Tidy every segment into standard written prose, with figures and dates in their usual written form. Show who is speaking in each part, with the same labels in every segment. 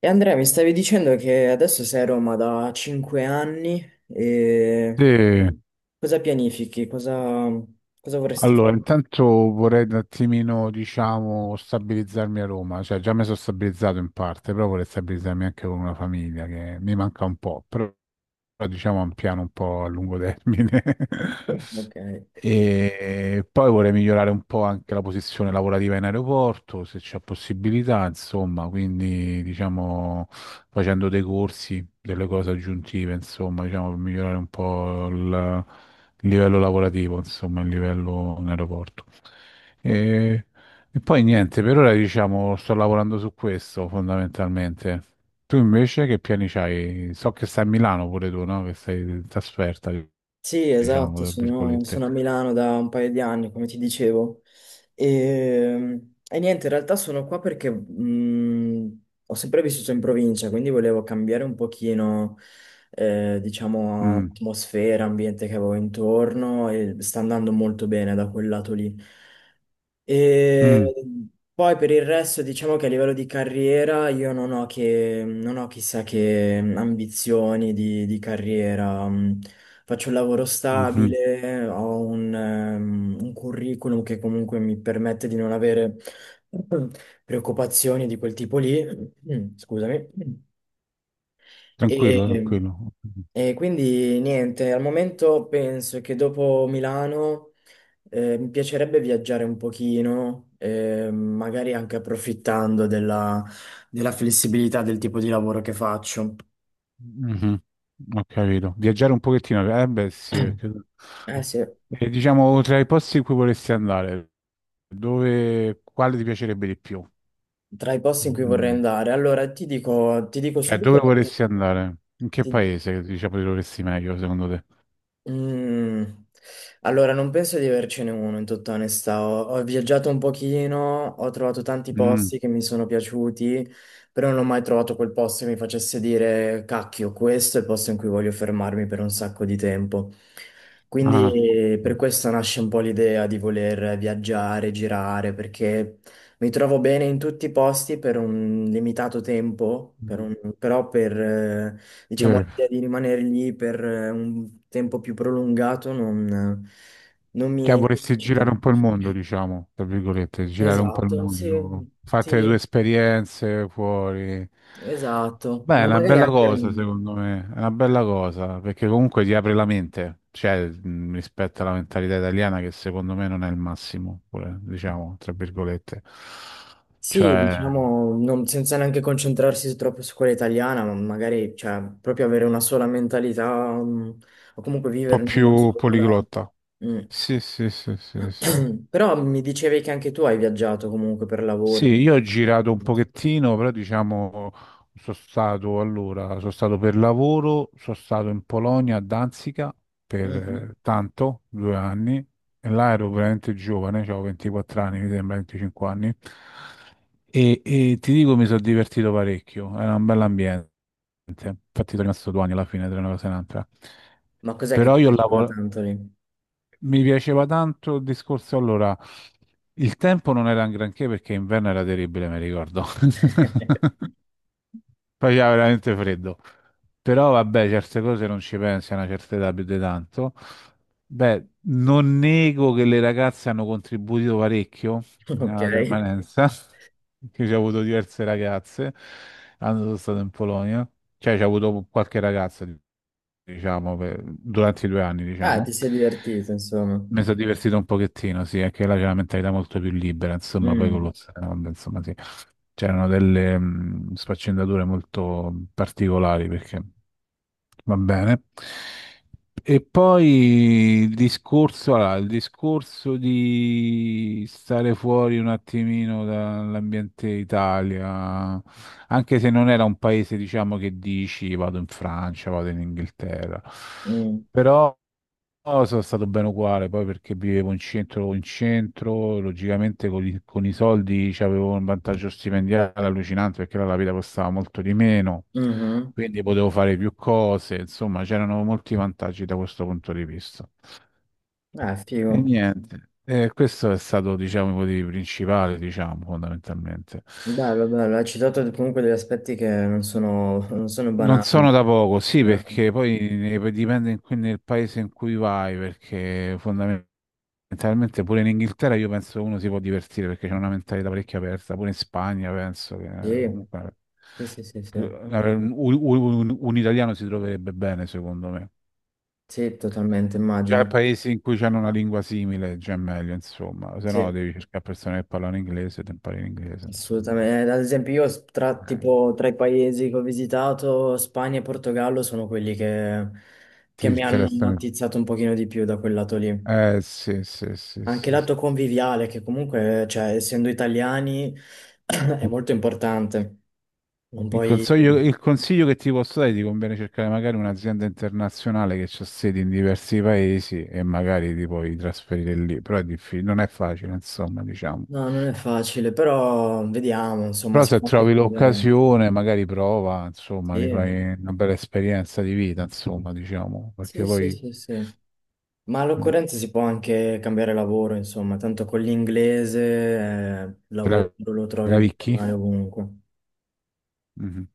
Speaker 1: E Andrea, mi stavi dicendo che adesso sei a Roma da 5 anni
Speaker 2: Sì,
Speaker 1: e cosa pianifichi? Cosa vorresti
Speaker 2: allora intanto vorrei un attimino, diciamo, stabilizzarmi a Roma, cioè già mi sono stabilizzato in parte, però vorrei stabilizzarmi anche con una famiglia che mi manca un po', però diciamo è un piano un po' a lungo termine.
Speaker 1: fare? Ok.
Speaker 2: E poi vorrei migliorare un po' anche la posizione lavorativa in aeroporto, se c'è possibilità, insomma, quindi diciamo facendo dei corsi, delle cose aggiuntive, insomma, diciamo per migliorare un po' il livello lavorativo, insomma, il livello in aeroporto.
Speaker 1: Oh,
Speaker 2: E, e poi niente, per ora diciamo sto lavorando su questo fondamentalmente. Tu invece che piani c'hai? So che stai a Milano pure tu, no? Che sei in trasferta,
Speaker 1: sì,
Speaker 2: diciamo,
Speaker 1: esatto,
Speaker 2: tra
Speaker 1: sono,
Speaker 2: virgolette.
Speaker 1: sono a Milano da un paio di anni, come ti dicevo. E, e niente, in realtà sono qua perché ho sempre vissuto in provincia, quindi volevo cambiare un pochino, diciamo,
Speaker 2: Mm,
Speaker 1: atmosfera, ambiente che avevo intorno, e sta andando molto bene da quel lato lì. E
Speaker 2: mm,
Speaker 1: poi per il resto, diciamo che a livello di carriera io non ho, che, non ho chissà che ambizioni di carriera. Mm, faccio un lavoro
Speaker 2: mhm.
Speaker 1: stabile, ho un curriculum che comunque mi permette di non avere preoccupazioni di quel tipo lì. Mm, scusami. Sì.
Speaker 2: Tranquillo, tranquillo.
Speaker 1: E quindi niente, al momento penso che dopo Milano mi piacerebbe viaggiare un pochino, magari anche approfittando della, della flessibilità del tipo di lavoro che faccio.
Speaker 2: Mhm, ho capito. Viaggiare un pochettino, eh beh sì, perché...
Speaker 1: Eh sì,
Speaker 2: E diciamo, tra i posti in cui vorresti andare, dove, quale ti piacerebbe di più?
Speaker 1: tra i posti in cui vorrei
Speaker 2: Mm,
Speaker 1: andare. Allora, ti dico
Speaker 2: cioè,
Speaker 1: subito,
Speaker 2: dove vorresti andare? In che paese, diciamo, ti dovresti meglio, secondo te?
Speaker 1: mm. Allora, non penso di avercene uno, in tutta onestà. Ho, ho viaggiato un pochino, ho trovato tanti
Speaker 2: Mm,
Speaker 1: posti che mi sono piaciuti, però non ho mai trovato quel posto che mi facesse dire, cacchio, questo è il posto in cui voglio fermarmi per un sacco di tempo.
Speaker 2: ah.
Speaker 1: Quindi per questo nasce un po' l'idea di voler viaggiare, girare, perché mi trovo bene in tutti i posti per un limitato tempo, per
Speaker 2: Mhm.
Speaker 1: un- però per,
Speaker 2: Sì.
Speaker 1: diciamo, l'idea di rimanere lì per un tempo più prolungato non, non mi
Speaker 2: Cioè,
Speaker 1: mi
Speaker 2: vorresti
Speaker 1: eccita.
Speaker 2: girare un po' il mondo, diciamo, tra virgolette, girare un po' il
Speaker 1: Esatto, sì,
Speaker 2: mondo, fate le tue
Speaker 1: sì,
Speaker 2: esperienze fuori.
Speaker 1: esatto.
Speaker 2: Beh, è
Speaker 1: Ma
Speaker 2: una
Speaker 1: magari
Speaker 2: bella
Speaker 1: anche...
Speaker 2: cosa, secondo me, è una bella cosa, perché comunque ti apre la mente, cioè, rispetto alla mentalità italiana, che secondo me non è il massimo, pure, diciamo, tra virgolette.
Speaker 1: Sì,
Speaker 2: Cioè, un
Speaker 1: diciamo, non- senza neanche concentrarsi troppo su quella italiana, ma magari, cioè, proprio avere una sola mentalità, mm, o comunque
Speaker 2: po'
Speaker 1: vivere in una
Speaker 2: più
Speaker 1: sola.
Speaker 2: poliglotta. Sì, sì, sì, sì, sì.
Speaker 1: Mm. Però mi dicevi che anche tu hai viaggiato comunque per lavoro.
Speaker 2: Sì, io ho girato un pochettino, però diciamo sono stato allora, sono stato per lavoro, sono stato in Polonia a Danzica per
Speaker 1: Mhm.
Speaker 2: tanto, due anni, e là ero veramente giovane, avevo 24 anni, mi sembra 25 anni, e ti dico mi sono divertito parecchio, era un bell'ambiente, infatti sono rimasto due anni alla fine tra una cosa e un'altra,
Speaker 1: Ma cos'è che
Speaker 2: però
Speaker 1: ti
Speaker 2: io
Speaker 1: piaceva
Speaker 2: lavoro...
Speaker 1: tanto lì?
Speaker 2: Mi piaceva tanto il discorso. Allora, il tempo non era un granché perché inverno era terribile, mi ricordo. Faceva veramente freddo. Però vabbè, certe cose non ci pensi a una certa età più di tanto. Beh, non nego che le ragazze hanno contribuito parecchio
Speaker 1: Ok.
Speaker 2: alla permanenza, che ci ho avuto diverse ragazze, quando sono stato in Polonia. Cioè, ci ho avuto qualche ragazza, diciamo, per- durante i due anni,
Speaker 1: Ah, ti
Speaker 2: diciamo.
Speaker 1: sei divertito, insomma.
Speaker 2: Mi sono divertito un pochettino, sì, è che là c'è una mentalità molto più libera, insomma, poi con lo
Speaker 1: Mm,
Speaker 2: stand, insomma, sì. C'erano delle sfaccendature molto particolari perché va bene. E poi il discorso, allora, il discorso di stare fuori un attimino dall'ambiente Italia, anche se non era un paese, diciamo, che dici vado in Francia, vado in Inghilterra,
Speaker 1: mm,
Speaker 2: però. No, sono stato bene uguale, poi perché vivevo in centro, logicamente con i soldi cioè, avevo un vantaggio stipendiale allucinante perché là la vita costava molto di meno,
Speaker 1: mhm.
Speaker 2: quindi potevo fare più cose, insomma c'erano molti vantaggi da questo punto di vista.
Speaker 1: Ah, figo.
Speaker 2: E niente, questo è stato diciamo il motivo principale, diciamo, fondamentalmente.
Speaker 1: Bello, bello. Hai citato comunque degli aspetti che non sono
Speaker 2: Non
Speaker 1: banali.
Speaker 2: sono da poco, sì,
Speaker 1: Ah,
Speaker 2: perché poi ne- dipende in cui- nel paese in cui vai, perché fondamentalmente mentalmente pure in Inghilterra io penso uno si può divertire perché c'è una mentalità parecchio aperta, pure in Spagna penso che
Speaker 1: sì,
Speaker 2: comunque
Speaker 1: sì, sì, sì, sì.
Speaker 2: un italiano si troverebbe bene secondo me.
Speaker 1: Sì, totalmente,
Speaker 2: Già
Speaker 1: immagino.
Speaker 2: paesi in cui c'hanno una lingua simile, già è meglio, insomma, se no
Speaker 1: Sì,
Speaker 2: devi cercare persone che parlano inglese, e ti impari l'inglese, insomma.
Speaker 1: assolutamente. Ad esempio, io s- tra,
Speaker 2: Eh,
Speaker 1: tipo, tra i paesi che ho visitato, Spagna e Portogallo sono quelli
Speaker 2: ti
Speaker 1: che mi hanno
Speaker 2: interessano.
Speaker 1: attizzato un pochino di più da quel lato lì.
Speaker 2: Eh sì, sì, sì,
Speaker 1: Anche il
Speaker 2: sì,
Speaker 1: lato conviviale, che comunque, cioè, essendo italiani, è molto importante. Non
Speaker 2: il
Speaker 1: puoi...
Speaker 2: consiglio, il consiglio che ti posso dare è di conviene cercare magari un'azienda internazionale che ha sedi in diversi paesi e magari ti puoi trasferire lì, però è difficile, non è facile, insomma, diciamo.
Speaker 1: No, non è facile, però vediamo, insomma,
Speaker 2: Però
Speaker 1: si
Speaker 2: se
Speaker 1: può anche
Speaker 2: trovi
Speaker 1: cambiare.
Speaker 2: l'occasione, magari prova, insomma, ti
Speaker 1: Sì,
Speaker 2: fai una bella esperienza di vita, insomma, diciamo, perché
Speaker 1: sì, sì,
Speaker 2: poi
Speaker 1: sì, sì. Ma
Speaker 2: mm,
Speaker 1: all'occorrenza si può anche cambiare lavoro, insomma, tanto con l'inglese, il
Speaker 2: te
Speaker 1: lavoro
Speaker 2: la
Speaker 1: lo trovi bene o
Speaker 2: cavicchi?
Speaker 1: male ovunque.
Speaker 2: Mhm,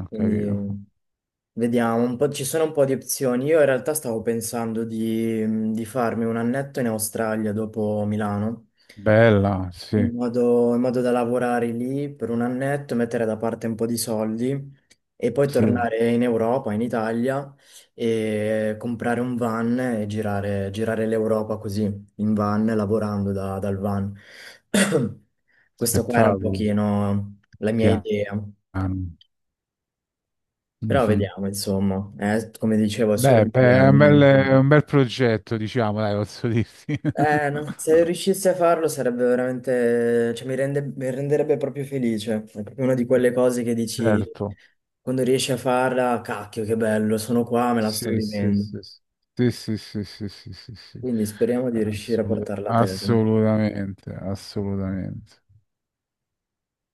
Speaker 2: ho capito.
Speaker 1: Quindi vediamo, un po', ci sono un po' di opzioni. Io in realtà stavo pensando di farmi un annetto in Australia dopo Milano.
Speaker 2: Bella, sì,
Speaker 1: In modo da lavorare lì per un annetto, mettere da parte un po' di soldi e poi
Speaker 2: sì,
Speaker 1: tornare in Europa, in Italia e comprare un van e girare, girare l'Europa così, in van, lavorando da- dal van. Questa qua era un
Speaker 2: spettacolo,
Speaker 1: pochino la mia
Speaker 2: piano.
Speaker 1: idea, però
Speaker 2: Mhm.
Speaker 1: vediamo, insomma, come dicevo, è solo
Speaker 2: Beh, beh,
Speaker 1: un'idea. Non è-
Speaker 2: è un bel progetto, diciamo, dai, posso dirti.
Speaker 1: eh, non- se riuscissi a farlo sarebbe veramente, cioè mi rende- mi renderebbe proprio felice. È proprio una di quelle cose che dici
Speaker 2: Certo.
Speaker 1: quando riesci a farla, cacchio, che bello, sono qua, me la sto
Speaker 2: Sì, sì,
Speaker 1: vivendo.
Speaker 2: sì, sì. Sì, sì, sì, sì, sì, sì, sì.
Speaker 1: Quindi speriamo di riuscire a
Speaker 2: Assolut-
Speaker 1: portarla a termine.
Speaker 2: assolutamente, assolutamente.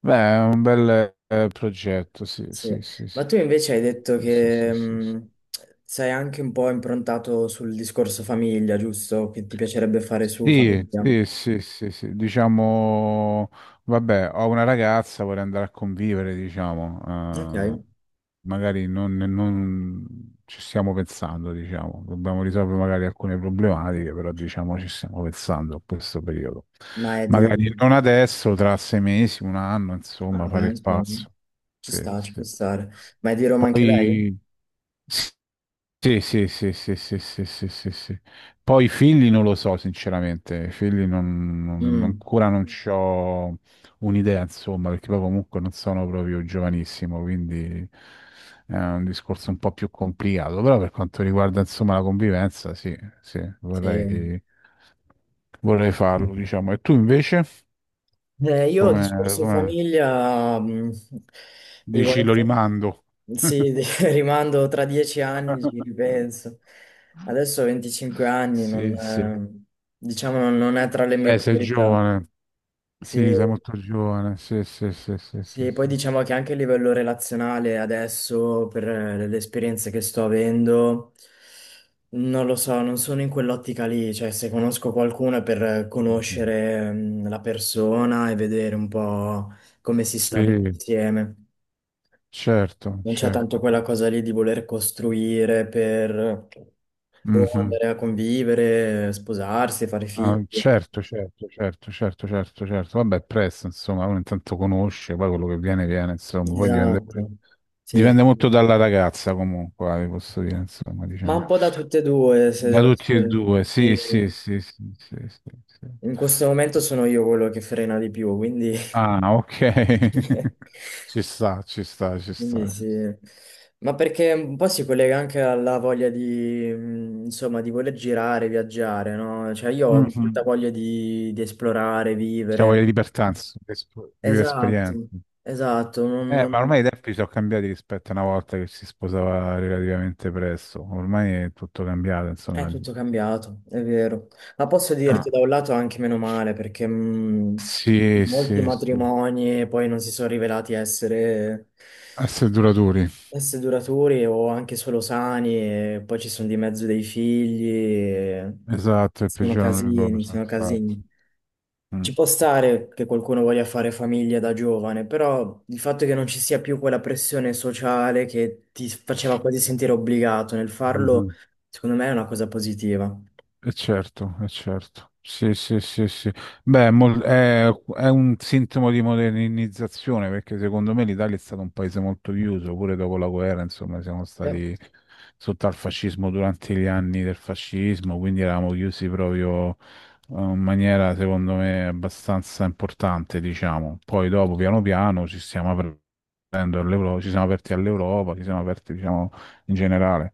Speaker 2: Beh, è un bel progetto, sì,
Speaker 1: Sì.
Speaker 2: sì, sì,
Speaker 1: Ma
Speaker 2: sì,
Speaker 1: tu invece hai detto
Speaker 2: sì, sì,
Speaker 1: che
Speaker 2: sì, sì. Sì.
Speaker 1: sei anche un po' improntato sul discorso famiglia, giusto? Che ti piacerebbe fare su
Speaker 2: Sì,
Speaker 1: famiglia.
Speaker 2: sì, sì, sì, sì, diciamo, vabbè, ho una ragazza, vorrei andare a convivere, diciamo,
Speaker 1: Ok,
Speaker 2: magari non, non ci stiamo pensando, diciamo, dobbiamo risolvere magari alcune problematiche, però diciamo ci stiamo pensando a questo periodo.
Speaker 1: ma è di...
Speaker 2: Magari non adesso, tra sei mesi, un anno,
Speaker 1: Ah,
Speaker 2: insomma, fare
Speaker 1: beh,
Speaker 2: il
Speaker 1: insomma,
Speaker 2: passo.
Speaker 1: ci
Speaker 2: Sì,
Speaker 1: sta, ci può
Speaker 2: sì.
Speaker 1: stare. Ma è di Roma anche lei?
Speaker 2: Poi... Sì, sì, sì, sì, sì, sì, sì, sì, sì. Poi i figli non lo so, sinceramente, i figli non, non-
Speaker 1: Mm,
Speaker 2: ancora non c'ho un'idea, insomma, perché poi comunque non sono proprio giovanissimo, quindi è un discorso un po' più complicato, però per quanto riguarda, insomma, la convivenza, sì, sì,
Speaker 1: sì.
Speaker 2: vorrei farlo, diciamo. E tu invece,
Speaker 1: Io
Speaker 2: come,
Speaker 1: discorso
Speaker 2: come
Speaker 1: famiglia, mm, devo
Speaker 2: dici, lo
Speaker 1: essere-
Speaker 2: rimando?
Speaker 1: sì, di- rimando tra dieci anni, ci ripenso. Adesso ho 25 anni, non,
Speaker 2: Sì, sì.
Speaker 1: diciamo non è tra le mie
Speaker 2: Beh, sei
Speaker 1: priorità.
Speaker 2: giovane. Sì,
Speaker 1: Sì,
Speaker 2: sei molto giovane, sì, sì, sì, sì, sì,
Speaker 1: sì, poi
Speaker 2: sì.
Speaker 1: diciamo che anche a livello relazionale adesso, per le esperienze che sto avendo, non lo so, non sono in quell'ottica lì, cioè se conosco qualcuno è per
Speaker 2: Anch'io.
Speaker 1: conoscere la persona e vedere un po' come si sta bene
Speaker 2: Sì,
Speaker 1: insieme.
Speaker 2: certo,
Speaker 1: Non c'è tanto
Speaker 2: certo.
Speaker 1: quella cosa lì di voler costruire per boh,
Speaker 2: Mhm.
Speaker 1: andare a convivere, sposarsi, fare
Speaker 2: Ah,
Speaker 1: figli.
Speaker 2: certo, certo, certo, certo, certo, certo. Vabbè, è presto, insomma, uno intanto conosce, poi quello che viene, viene, insomma, poi dipende
Speaker 1: Esatto.
Speaker 2: pure-
Speaker 1: Sì,
Speaker 2: dipende
Speaker 1: sì.
Speaker 2: molto dalla ragazza, comunque, vi posso dire, insomma,
Speaker 1: Ma
Speaker 2: diciamo.
Speaker 1: un po' da tutte e due, se
Speaker 2: Da
Speaker 1: devo
Speaker 2: tutti e
Speaker 1: essere...
Speaker 2: due, sì,
Speaker 1: Sì.
Speaker 2: sì, sì, sì, sì, sì, sì.
Speaker 1: In questo momento sono io quello che frena di più, quindi...
Speaker 2: Ah, ok. Ci sta, ci sta, ci
Speaker 1: quindi
Speaker 2: sta, ci
Speaker 1: sì. Ma perché un po' si collega anche alla voglia insomma, di voler girare, viaggiare, no? Cioè io ho
Speaker 2: sta.
Speaker 1: molta voglia di esplorare,
Speaker 2: Cioè,
Speaker 1: vivere.
Speaker 2: voglio libertà, insomma, di esp- di vivere
Speaker 1: Esatto,
Speaker 2: esperienze.
Speaker 1: esatto. Non-
Speaker 2: Ma
Speaker 1: non-
Speaker 2: ormai i tempi sono cambiati rispetto a una volta che si sposava relativamente presto. Ormai è tutto cambiato,
Speaker 1: è
Speaker 2: insomma.
Speaker 1: tutto cambiato, è vero. Ma posso
Speaker 2: Ah,
Speaker 1: dirti da un lato anche meno male, perché
Speaker 2: sì,
Speaker 1: molti
Speaker 2: sì, sì.
Speaker 1: matrimoni poi non si sono rivelati essere,
Speaker 2: Essere duraturi.
Speaker 1: essere duraturi o anche solo sani, e poi ci sono di mezzo dei figli, e
Speaker 2: Esatto, è il
Speaker 1: sono
Speaker 2: peggiore errore
Speaker 1: casini,
Speaker 2: che ho
Speaker 1: sono
Speaker 2: fatto.
Speaker 1: casini.
Speaker 2: Mm.
Speaker 1: Ci può stare che qualcuno voglia fare famiglia da giovane, però il fatto che non ci sia più quella pressione sociale che ti faceva quasi sentire obbligato nel farlo,
Speaker 2: Mhm.
Speaker 1: secondo me è una cosa positiva.
Speaker 2: E certo, è certo. Sì, sì, sì, sì. Beh, è, mol- è un sintomo di modernizzazione perché secondo me l'Italia è stato un paese molto chiuso, pure dopo la guerra, insomma, siamo
Speaker 1: Sì.
Speaker 2: stati sotto al fascismo durante gli anni del fascismo, quindi eravamo chiusi proprio in maniera, secondo me, abbastanza importante, diciamo. Poi dopo, piano piano, ci stiamo aprendo all'Euro- ci siamo aperti all'Europa, ci siamo aperti, diciamo, in generale.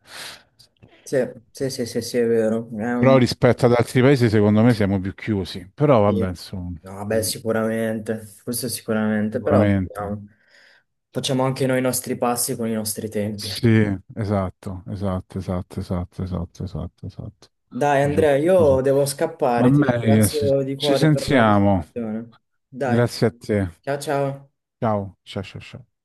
Speaker 1: Sì, sì, sì, sì, sì, è vero. È
Speaker 2: Però
Speaker 1: un-
Speaker 2: rispetto ad altri paesi, secondo me siamo più chiusi. Però vabbè,
Speaker 1: sì.
Speaker 2: insomma,
Speaker 1: No, beh,
Speaker 2: mm,
Speaker 1: sicuramente, questo sicuramente, però
Speaker 2: sicuramente.
Speaker 1: vediamo. Facciamo anche noi i nostri passi con i nostri tempi.
Speaker 2: Sì, esatto, esatto, esatto, esatto, esatto, esatto, esatto.
Speaker 1: Dai, Andrea,
Speaker 2: Giusto così.
Speaker 1: io devo
Speaker 2: Va
Speaker 1: scappare, ti
Speaker 2: bene,
Speaker 1: ringrazio di
Speaker 2: ci
Speaker 1: cuore per la
Speaker 2: sentiamo.
Speaker 1: discussione. Dai,
Speaker 2: Grazie a te.
Speaker 1: ciao ciao.
Speaker 2: Ciao, ciao, ciao, ciao.